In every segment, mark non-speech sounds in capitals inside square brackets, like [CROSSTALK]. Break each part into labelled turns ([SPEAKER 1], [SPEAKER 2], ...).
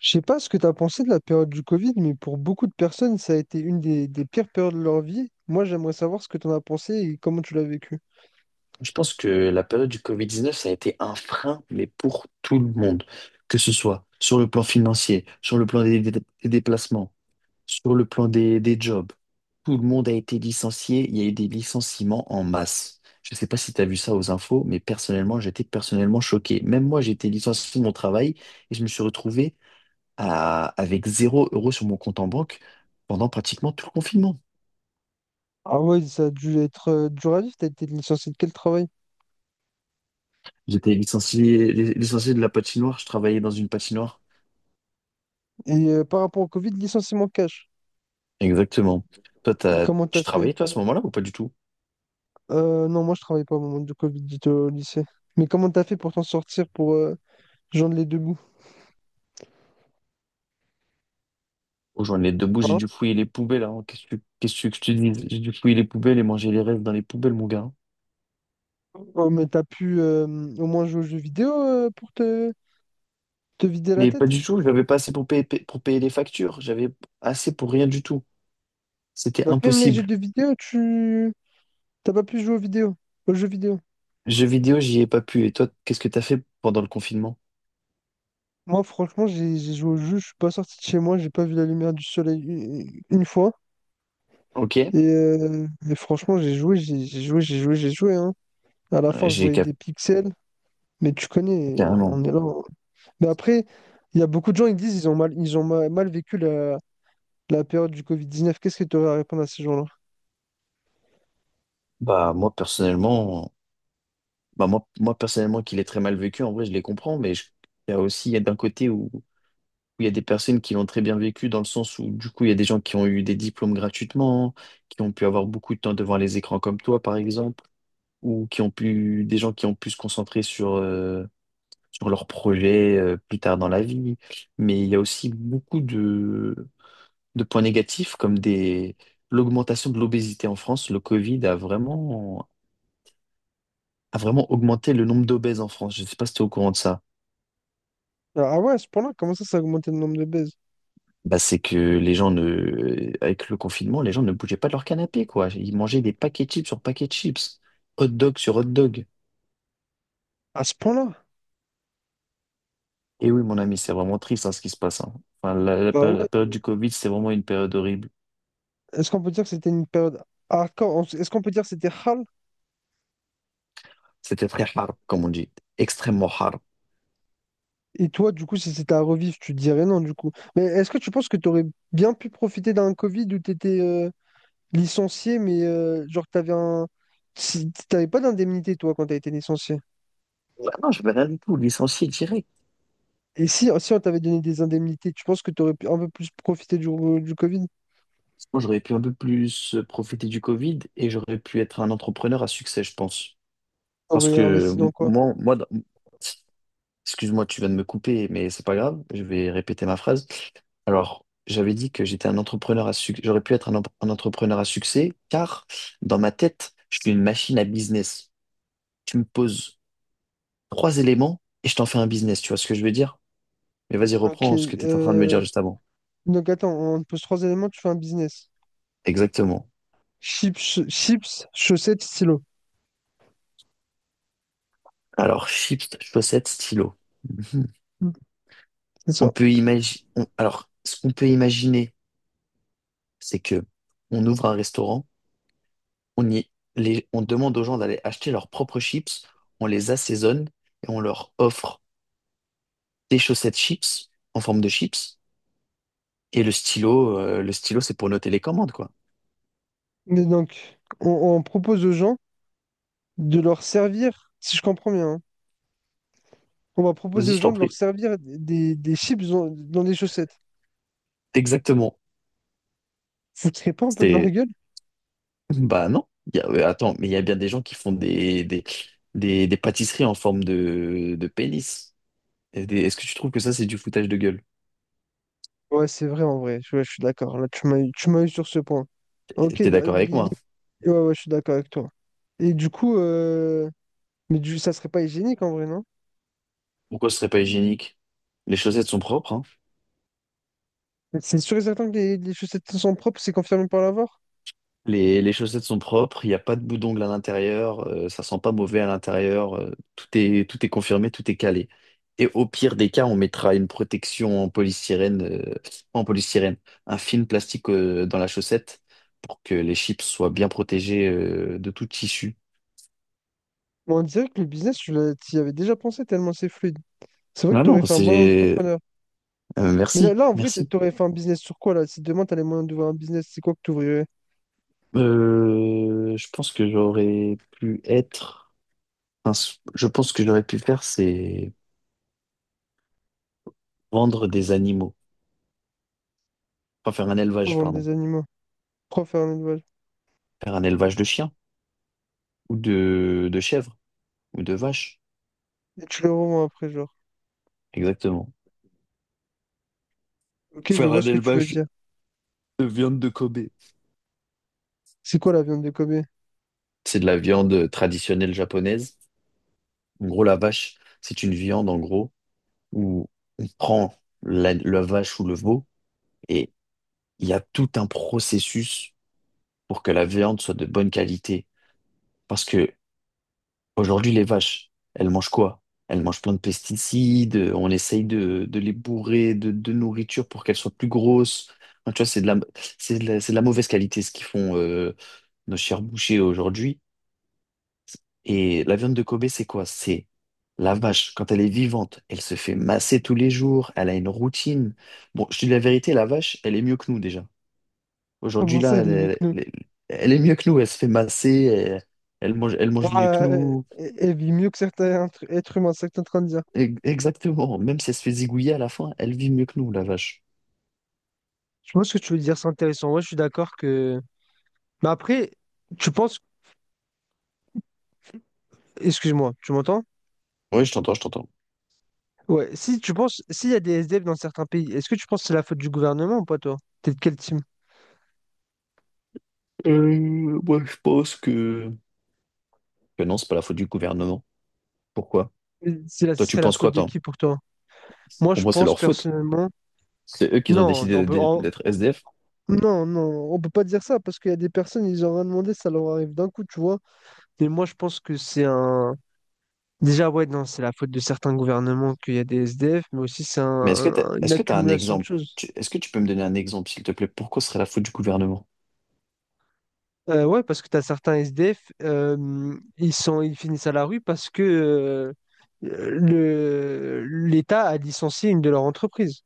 [SPEAKER 1] Je sais pas ce que tu as pensé de la période du Covid, mais pour beaucoup de personnes, ça a été une des pires périodes de leur vie. Moi, j'aimerais savoir ce que tu en as pensé et comment tu l'as vécu.
[SPEAKER 2] Je pense que la période du Covid-19, ça a été un frein, mais pour tout le monde, que ce soit sur le plan financier, sur le plan des déplacements, sur le plan des jobs. Tout le monde a été licencié, il y a eu des licenciements en masse. Je ne sais pas si tu as vu ça aux infos, mais personnellement, j'étais personnellement choqué. Même moi, j'ai été licencié de mon travail et je me suis retrouvé avec zéro euro sur mon compte en banque pendant pratiquement tout le confinement.
[SPEAKER 1] Ah ouais, ça a dû être dur à vivre. T'as été licencié de quel travail?
[SPEAKER 2] J'étais licencié de la patinoire, je travaillais dans une patinoire.
[SPEAKER 1] Et par rapport au Covid, licenciement cash.
[SPEAKER 2] Exactement. Toi,
[SPEAKER 1] Et comment
[SPEAKER 2] tu
[SPEAKER 1] t'as fait?
[SPEAKER 2] travaillais, toi, à ce moment-là, ou pas du tout?
[SPEAKER 1] Non, moi, je travaillais pas au moment du Covid, j'étais au lycée. Mais comment t'as fait pour t'en sortir, pour joindre les deux bouts?
[SPEAKER 2] Oh, j'en ai deux bouts, j'ai
[SPEAKER 1] Hein.
[SPEAKER 2] dû fouiller les poubelles, hein. Qu'est-ce que je te dis? J'ai dû fouiller les poubelles et manger les restes dans les poubelles, mon gars.
[SPEAKER 1] Oh, mais t'as pu au moins jouer aux jeux vidéo pour te, te vider la
[SPEAKER 2] Mais pas
[SPEAKER 1] tête?
[SPEAKER 2] du tout, j'avais pas assez pour payer les factures. J'avais assez pour rien du tout. C'était
[SPEAKER 1] Donc même les jeux
[SPEAKER 2] impossible.
[SPEAKER 1] de vidéo, tu t'as pas pu jouer aux vidéos, aux jeux vidéo.
[SPEAKER 2] Jeux vidéo, j'y ai pas pu. Et toi, qu'est-ce que t'as fait pendant le confinement?
[SPEAKER 1] Moi, franchement, j'ai joué au jeu, je suis pas sorti de chez moi, j'ai pas vu la lumière du soleil une fois.
[SPEAKER 2] Ok.
[SPEAKER 1] Et franchement, j'ai joué, j'ai joué, j'ai joué, j'ai joué, hein. À la
[SPEAKER 2] Euh,
[SPEAKER 1] fin, je
[SPEAKER 2] j'ai
[SPEAKER 1] voyais
[SPEAKER 2] ca-
[SPEAKER 1] des pixels, mais tu connais,
[SPEAKER 2] Carrément.
[SPEAKER 1] on est là. Mais après, il y a beaucoup de gens qui disent ils ont mal, mal vécu la période du Covid-19. Qu'est-ce que tu aurais à répondre à ces gens-là?
[SPEAKER 2] Bah, moi, personnellement, personnellement, qu'il est très mal vécu, en vrai, je les comprends, il y a aussi, il y a d'un côté où. Où il y a des personnes qui l'ont très bien vécu dans le sens où, du coup, il y a des gens qui ont eu des diplômes gratuitement, qui ont pu avoir beaucoup de temps devant les écrans comme toi, par exemple, ou qui ont pu, des gens qui ont pu se concentrer sur, sur leurs projets, plus tard dans la vie. Mais il y a aussi beaucoup de points négatifs comme l'augmentation de l'obésité en France. Le Covid a vraiment augmenté le nombre d'obèses en France. Je ne sais pas si tu es au courant de ça.
[SPEAKER 1] Ah ouais, à ce point-là, comment ça, ça a augmenté le nombre de baises?
[SPEAKER 2] Bah, c'est que les gens ne, avec le confinement, les gens ne bougeaient pas de leur canapé, quoi. Ils mangeaient des paquets de chips sur paquets de chips, hot dog sur hot dog.
[SPEAKER 1] À ce point-là?
[SPEAKER 2] Et oui, mon ami, c'est vraiment triste, hein, ce qui se passe, hein. Enfin,
[SPEAKER 1] Bah ouais.
[SPEAKER 2] la période du Covid, c'est vraiment une période horrible.
[SPEAKER 1] Est-ce qu'on peut dire que c'était une période hardcore? Est-ce qu'on peut dire que c'était hard?
[SPEAKER 2] C'était très hard, comme on dit, extrêmement hard.
[SPEAKER 1] Et toi, du coup, si c'était à revivre, tu dirais non, du coup. Mais est-ce que tu penses que tu aurais bien pu profiter d'un Covid où tu étais licencié, mais genre, t'avais un... t'avais pas d'indemnité, toi, quand tu as été licencié?
[SPEAKER 2] Ouais, non, je vais rien du tout, licencié direct.
[SPEAKER 1] Et si on t'avait donné des indemnités, tu penses que tu aurais pu un peu plus profiter du Covid?
[SPEAKER 2] Moi, j'aurais pu un peu plus profiter du Covid et j'aurais pu être un entrepreneur à succès, je pense. Parce
[SPEAKER 1] T'aurais
[SPEAKER 2] que
[SPEAKER 1] investi dans quoi?
[SPEAKER 2] moi, moi, dans- Excuse-moi, tu viens de me couper, mais c'est pas grave, je vais répéter ma phrase. Alors, j'avais dit que j'étais un entrepreneur à succès. J'aurais pu être un entrepreneur à succès, car dans ma tête, je suis une machine à business. Tu me poses trois éléments et je t'en fais un business. Tu vois ce que je veux dire? Mais vas-y,
[SPEAKER 1] Ok,
[SPEAKER 2] reprends ce que tu étais en train de me dire juste avant.
[SPEAKER 1] donc, attends, on te pose 3 éléments, tu fais un business.
[SPEAKER 2] Exactement.
[SPEAKER 1] Chips, chips, chaussettes, stylo.
[SPEAKER 2] Alors, chips, chaussettes, stylo. [LAUGHS]
[SPEAKER 1] Mm. C'est
[SPEAKER 2] On
[SPEAKER 1] ça.
[SPEAKER 2] peut imaginer. Alors, ce qu'on peut imaginer, c'est que on ouvre un restaurant, on demande aux gens d'aller acheter leurs propres chips, on les assaisonne et on leur offre des chaussettes chips en forme de chips et le stylo c'est pour noter les commandes quoi.
[SPEAKER 1] Mais donc, on propose aux gens de leur servir, si je comprends bien, hein, on va proposer
[SPEAKER 2] Vas-y,
[SPEAKER 1] aux
[SPEAKER 2] je
[SPEAKER 1] gens
[SPEAKER 2] t'en
[SPEAKER 1] de leur
[SPEAKER 2] prie.
[SPEAKER 1] servir des chips dans des chaussettes.
[SPEAKER 2] Exactement.
[SPEAKER 1] Vous ne tirez pas un peu de leur
[SPEAKER 2] C'est
[SPEAKER 1] gueule?
[SPEAKER 2] [LAUGHS] bah non. Attends, mais il y a bien des gens qui font des pâtisseries en forme de pénis. Est-ce que tu trouves que ça c'est du foutage de gueule?
[SPEAKER 1] Ouais, c'est vrai en vrai. Ouais, je suis d'accord. Là, tu m'as eu sur ce point.
[SPEAKER 2] Et
[SPEAKER 1] Ok,
[SPEAKER 2] t'es d'accord avec
[SPEAKER 1] il-
[SPEAKER 2] moi, hein?
[SPEAKER 1] ouais, ouais, je suis d'accord avec toi. Et du coup, ça serait pas hygiénique en vrai, non?
[SPEAKER 2] Pourquoi ce serait pas hygiénique? Les chaussettes sont propres, hein.
[SPEAKER 1] C'est sûr et certain que les chaussettes sont propres, c'est confirmé par l'avoir.
[SPEAKER 2] Les chaussettes sont propres, il n'y a pas de bout d'ongle à l'intérieur, ça sent pas mauvais à l'intérieur, tout est confirmé, tout est calé. Et au pire des cas, on mettra une protection en polystyrène, pas en polystyrène, un film plastique dans la chaussette pour que les chips soient bien protégés de tout tissu.
[SPEAKER 1] Bon, on dirait que le business, t'y avais déjà pensé tellement c'est fluide. C'est vrai que
[SPEAKER 2] Non,
[SPEAKER 1] tu aurais
[SPEAKER 2] non,
[SPEAKER 1] fait un bon
[SPEAKER 2] c'est...
[SPEAKER 1] entrepreneur. Mais
[SPEAKER 2] merci,
[SPEAKER 1] là en vrai, tu
[SPEAKER 2] merci.
[SPEAKER 1] aurais fait un business sur quoi là? Si demain tu as les moyens d'ouvrir un business, c'est quoi que tu ouvrirais?
[SPEAKER 2] Je pense que j'aurais pu être... Je pense que j'aurais pu faire, c'est vendre des animaux, enfin faire un
[SPEAKER 1] Pour
[SPEAKER 2] élevage,
[SPEAKER 1] vendre
[SPEAKER 2] pardon.
[SPEAKER 1] des animaux, pour faire un élevage.
[SPEAKER 2] Faire un élevage de chiens ou de chèvres ou de vaches.
[SPEAKER 1] Et tu les revends après, genre.
[SPEAKER 2] Exactement.
[SPEAKER 1] Ok, je
[SPEAKER 2] Faire
[SPEAKER 1] vois
[SPEAKER 2] un
[SPEAKER 1] ce que tu veux
[SPEAKER 2] élevage
[SPEAKER 1] dire.
[SPEAKER 2] de viande de Kobe.
[SPEAKER 1] C'est quoi la viande de Kobe?
[SPEAKER 2] C'est de la viande traditionnelle japonaise. En gros, la vache, c'est une viande, en gros, où on prend la vache ou le veau et il y a tout un processus pour que la viande soit de bonne qualité. Parce que aujourd'hui, les vaches, elles mangent quoi? Elles mangent plein de pesticides, on essaye de les bourrer de nourriture pour qu'elles soient plus grosses. Enfin, tu vois, c'est c'est de la mauvaise qualité ce qu'ils font nos chers bouchers aujourd'hui. Et la viande de Kobe, c'est quoi? C'est la vache, quand elle est vivante, elle se fait masser tous les jours, elle a une routine. Bon, je te dis la vérité, la vache, elle est mieux que nous déjà. Aujourd'hui,
[SPEAKER 1] Comment ça,
[SPEAKER 2] là,
[SPEAKER 1] elle est mieux que
[SPEAKER 2] elle,
[SPEAKER 1] nous?
[SPEAKER 2] elle- Elle est mieux que nous, elle se fait masser, elle, elle mange mieux que
[SPEAKER 1] Ah, euh,
[SPEAKER 2] nous.
[SPEAKER 1] elle elle vit mieux que certains êtres humains, c'est ce que t'es en train de dire.
[SPEAKER 2] Exactement. Même si elle se fait zigouiller à la fin, elle vit mieux que nous, la vache.
[SPEAKER 1] Je pense que tu veux dire, c'est intéressant. Ouais, je suis d'accord que. Mais après, tu penses. Excuse-moi, tu m'entends?
[SPEAKER 2] Oui, je t'entends, je t'entends.
[SPEAKER 1] Ouais, si tu penses, s'il y a des SDF dans certains pays, est-ce que tu penses que c'est la faute du gouvernement ou pas, toi? T'es de quel team?
[SPEAKER 2] Moi, je pense que non, c'est pas la faute du gouvernement. Pourquoi?
[SPEAKER 1] Ce
[SPEAKER 2] Toi, tu
[SPEAKER 1] serait la
[SPEAKER 2] penses
[SPEAKER 1] faute
[SPEAKER 2] quoi,
[SPEAKER 1] de
[SPEAKER 2] toi?
[SPEAKER 1] qui pour toi? Moi,
[SPEAKER 2] Pour
[SPEAKER 1] je
[SPEAKER 2] moi, c'est
[SPEAKER 1] pense
[SPEAKER 2] leur faute.
[SPEAKER 1] personnellement.
[SPEAKER 2] C'est eux qui ont
[SPEAKER 1] Non, on
[SPEAKER 2] décidé
[SPEAKER 1] peut, on-
[SPEAKER 2] d'être SDF.
[SPEAKER 1] non, non, on peut pas dire ça parce qu'il y a des personnes, ils ont rien demandé, ça leur arrive d'un coup, tu vois. Mais moi, je pense que c'est un. Déjà, ouais, non, c'est la faute de certains gouvernements qu'il y a des SDF, mais aussi
[SPEAKER 2] Mais
[SPEAKER 1] une
[SPEAKER 2] est-ce que t'as un
[SPEAKER 1] accumulation de
[SPEAKER 2] exemple?
[SPEAKER 1] choses.
[SPEAKER 2] Est-ce que tu peux me donner un exemple, s'il te plaît? Pourquoi ce serait la faute du gouvernement?
[SPEAKER 1] Ouais, parce que tu as certains SDF, ils sont, ils finissent à la rue parce que l'État a licencié une de leurs entreprises.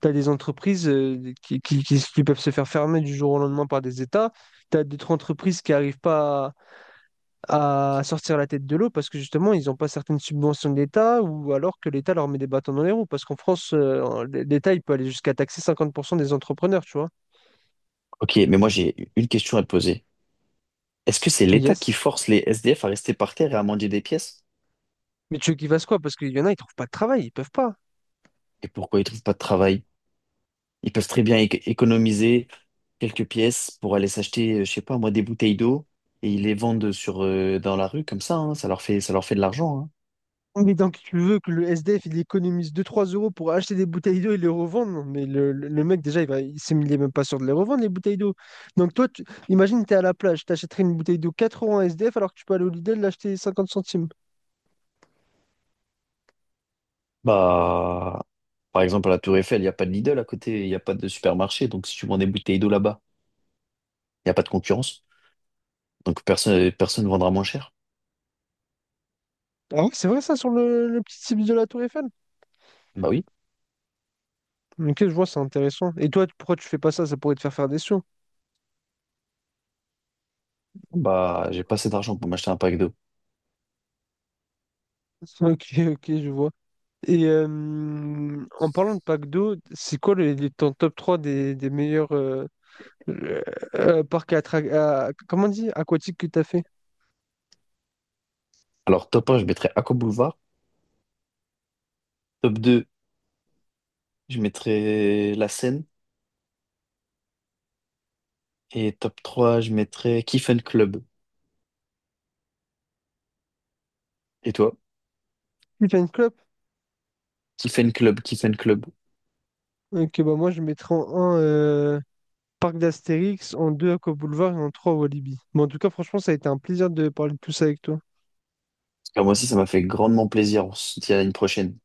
[SPEAKER 1] Tu as des entreprises qui peuvent se faire fermer du jour au lendemain par des États. Tu as d'autres entreprises qui n'arrivent pas à sortir la tête de l'eau parce que justement, ils n'ont pas certaines subventions de l'État ou alors que l'État leur met des bâtons dans les roues. Parce qu'en France, l'État, il peut aller jusqu'à taxer 50% des entrepreneurs, tu vois.
[SPEAKER 2] Ok, mais moi, j'ai une question à te poser. Est-ce que c'est l'État qui
[SPEAKER 1] Yes.
[SPEAKER 2] force les SDF à rester par terre et à manger des pièces?
[SPEAKER 1] Mais tu veux qu'ils fassent quoi? Parce qu'il y en a, ils trouvent pas de travail, ils peuvent pas.
[SPEAKER 2] Et pourquoi ils trouvent pas de travail? Ils peuvent très bien économiser quelques pièces pour aller s'acheter, je sais pas moi, des bouteilles d'eau et ils les vendent sur, dans la rue comme ça, hein. Ça leur fait, ça leur fait de l'argent, hein.
[SPEAKER 1] Mais donc tu veux que le SDF il économise deux trois euros pour acheter des bouteilles d'eau et les revendre? Non, mais le mec déjà il est même pas sûr de les revendre les bouteilles d'eau. Donc toi, tu, imagine t'es à la plage, t'achèterais une bouteille d'eau 4 € en SDF alors que tu peux aller au Lidl l'acheter 50 centimes.
[SPEAKER 2] Bah, par exemple, à la Tour Eiffel, il n'y a pas de Lidl à côté, il n'y a pas de supermarché. Donc, si tu vends des bouteilles d'eau là-bas, il n'y a pas de concurrence. Donc, personne, personne ne vendra moins cher.
[SPEAKER 1] Ah ouais, c'est vrai ça sur le petit site de la Tour Eiffel?
[SPEAKER 2] Bah oui,
[SPEAKER 1] Ok, je vois, c'est intéressant. Et toi, pourquoi tu fais pas ça? Ça pourrait te faire faire des sous.
[SPEAKER 2] bah, j'ai pas assez d'argent pour m'acheter un pack d'eau.
[SPEAKER 1] [LAUGHS] Ok, ok, je vois. Et en parlant de pack d'eau, c'est quoi ton top 3 des meilleurs Euh, parc à, comment on dit? Aquatique que t'as fait.
[SPEAKER 2] Alors, top un, je mettrais Aqua Boulevard. Top deux, je mettrais La Seine. Et top 3, je mettrais Kiffen Club. Et toi?
[SPEAKER 1] Weekend Club.
[SPEAKER 2] Kiffen Club, Kiffen Club.
[SPEAKER 1] Ok, bah moi je mettrais en un Parc d'Astérix, en 2 Aqua Boulevard et en 3 Walibi. Mais en tout cas, franchement, ça a été un plaisir de parler de tout ça avec toi.
[SPEAKER 2] Ah, moi aussi, ça m'a fait grandement plaisir. On se dit à une prochaine.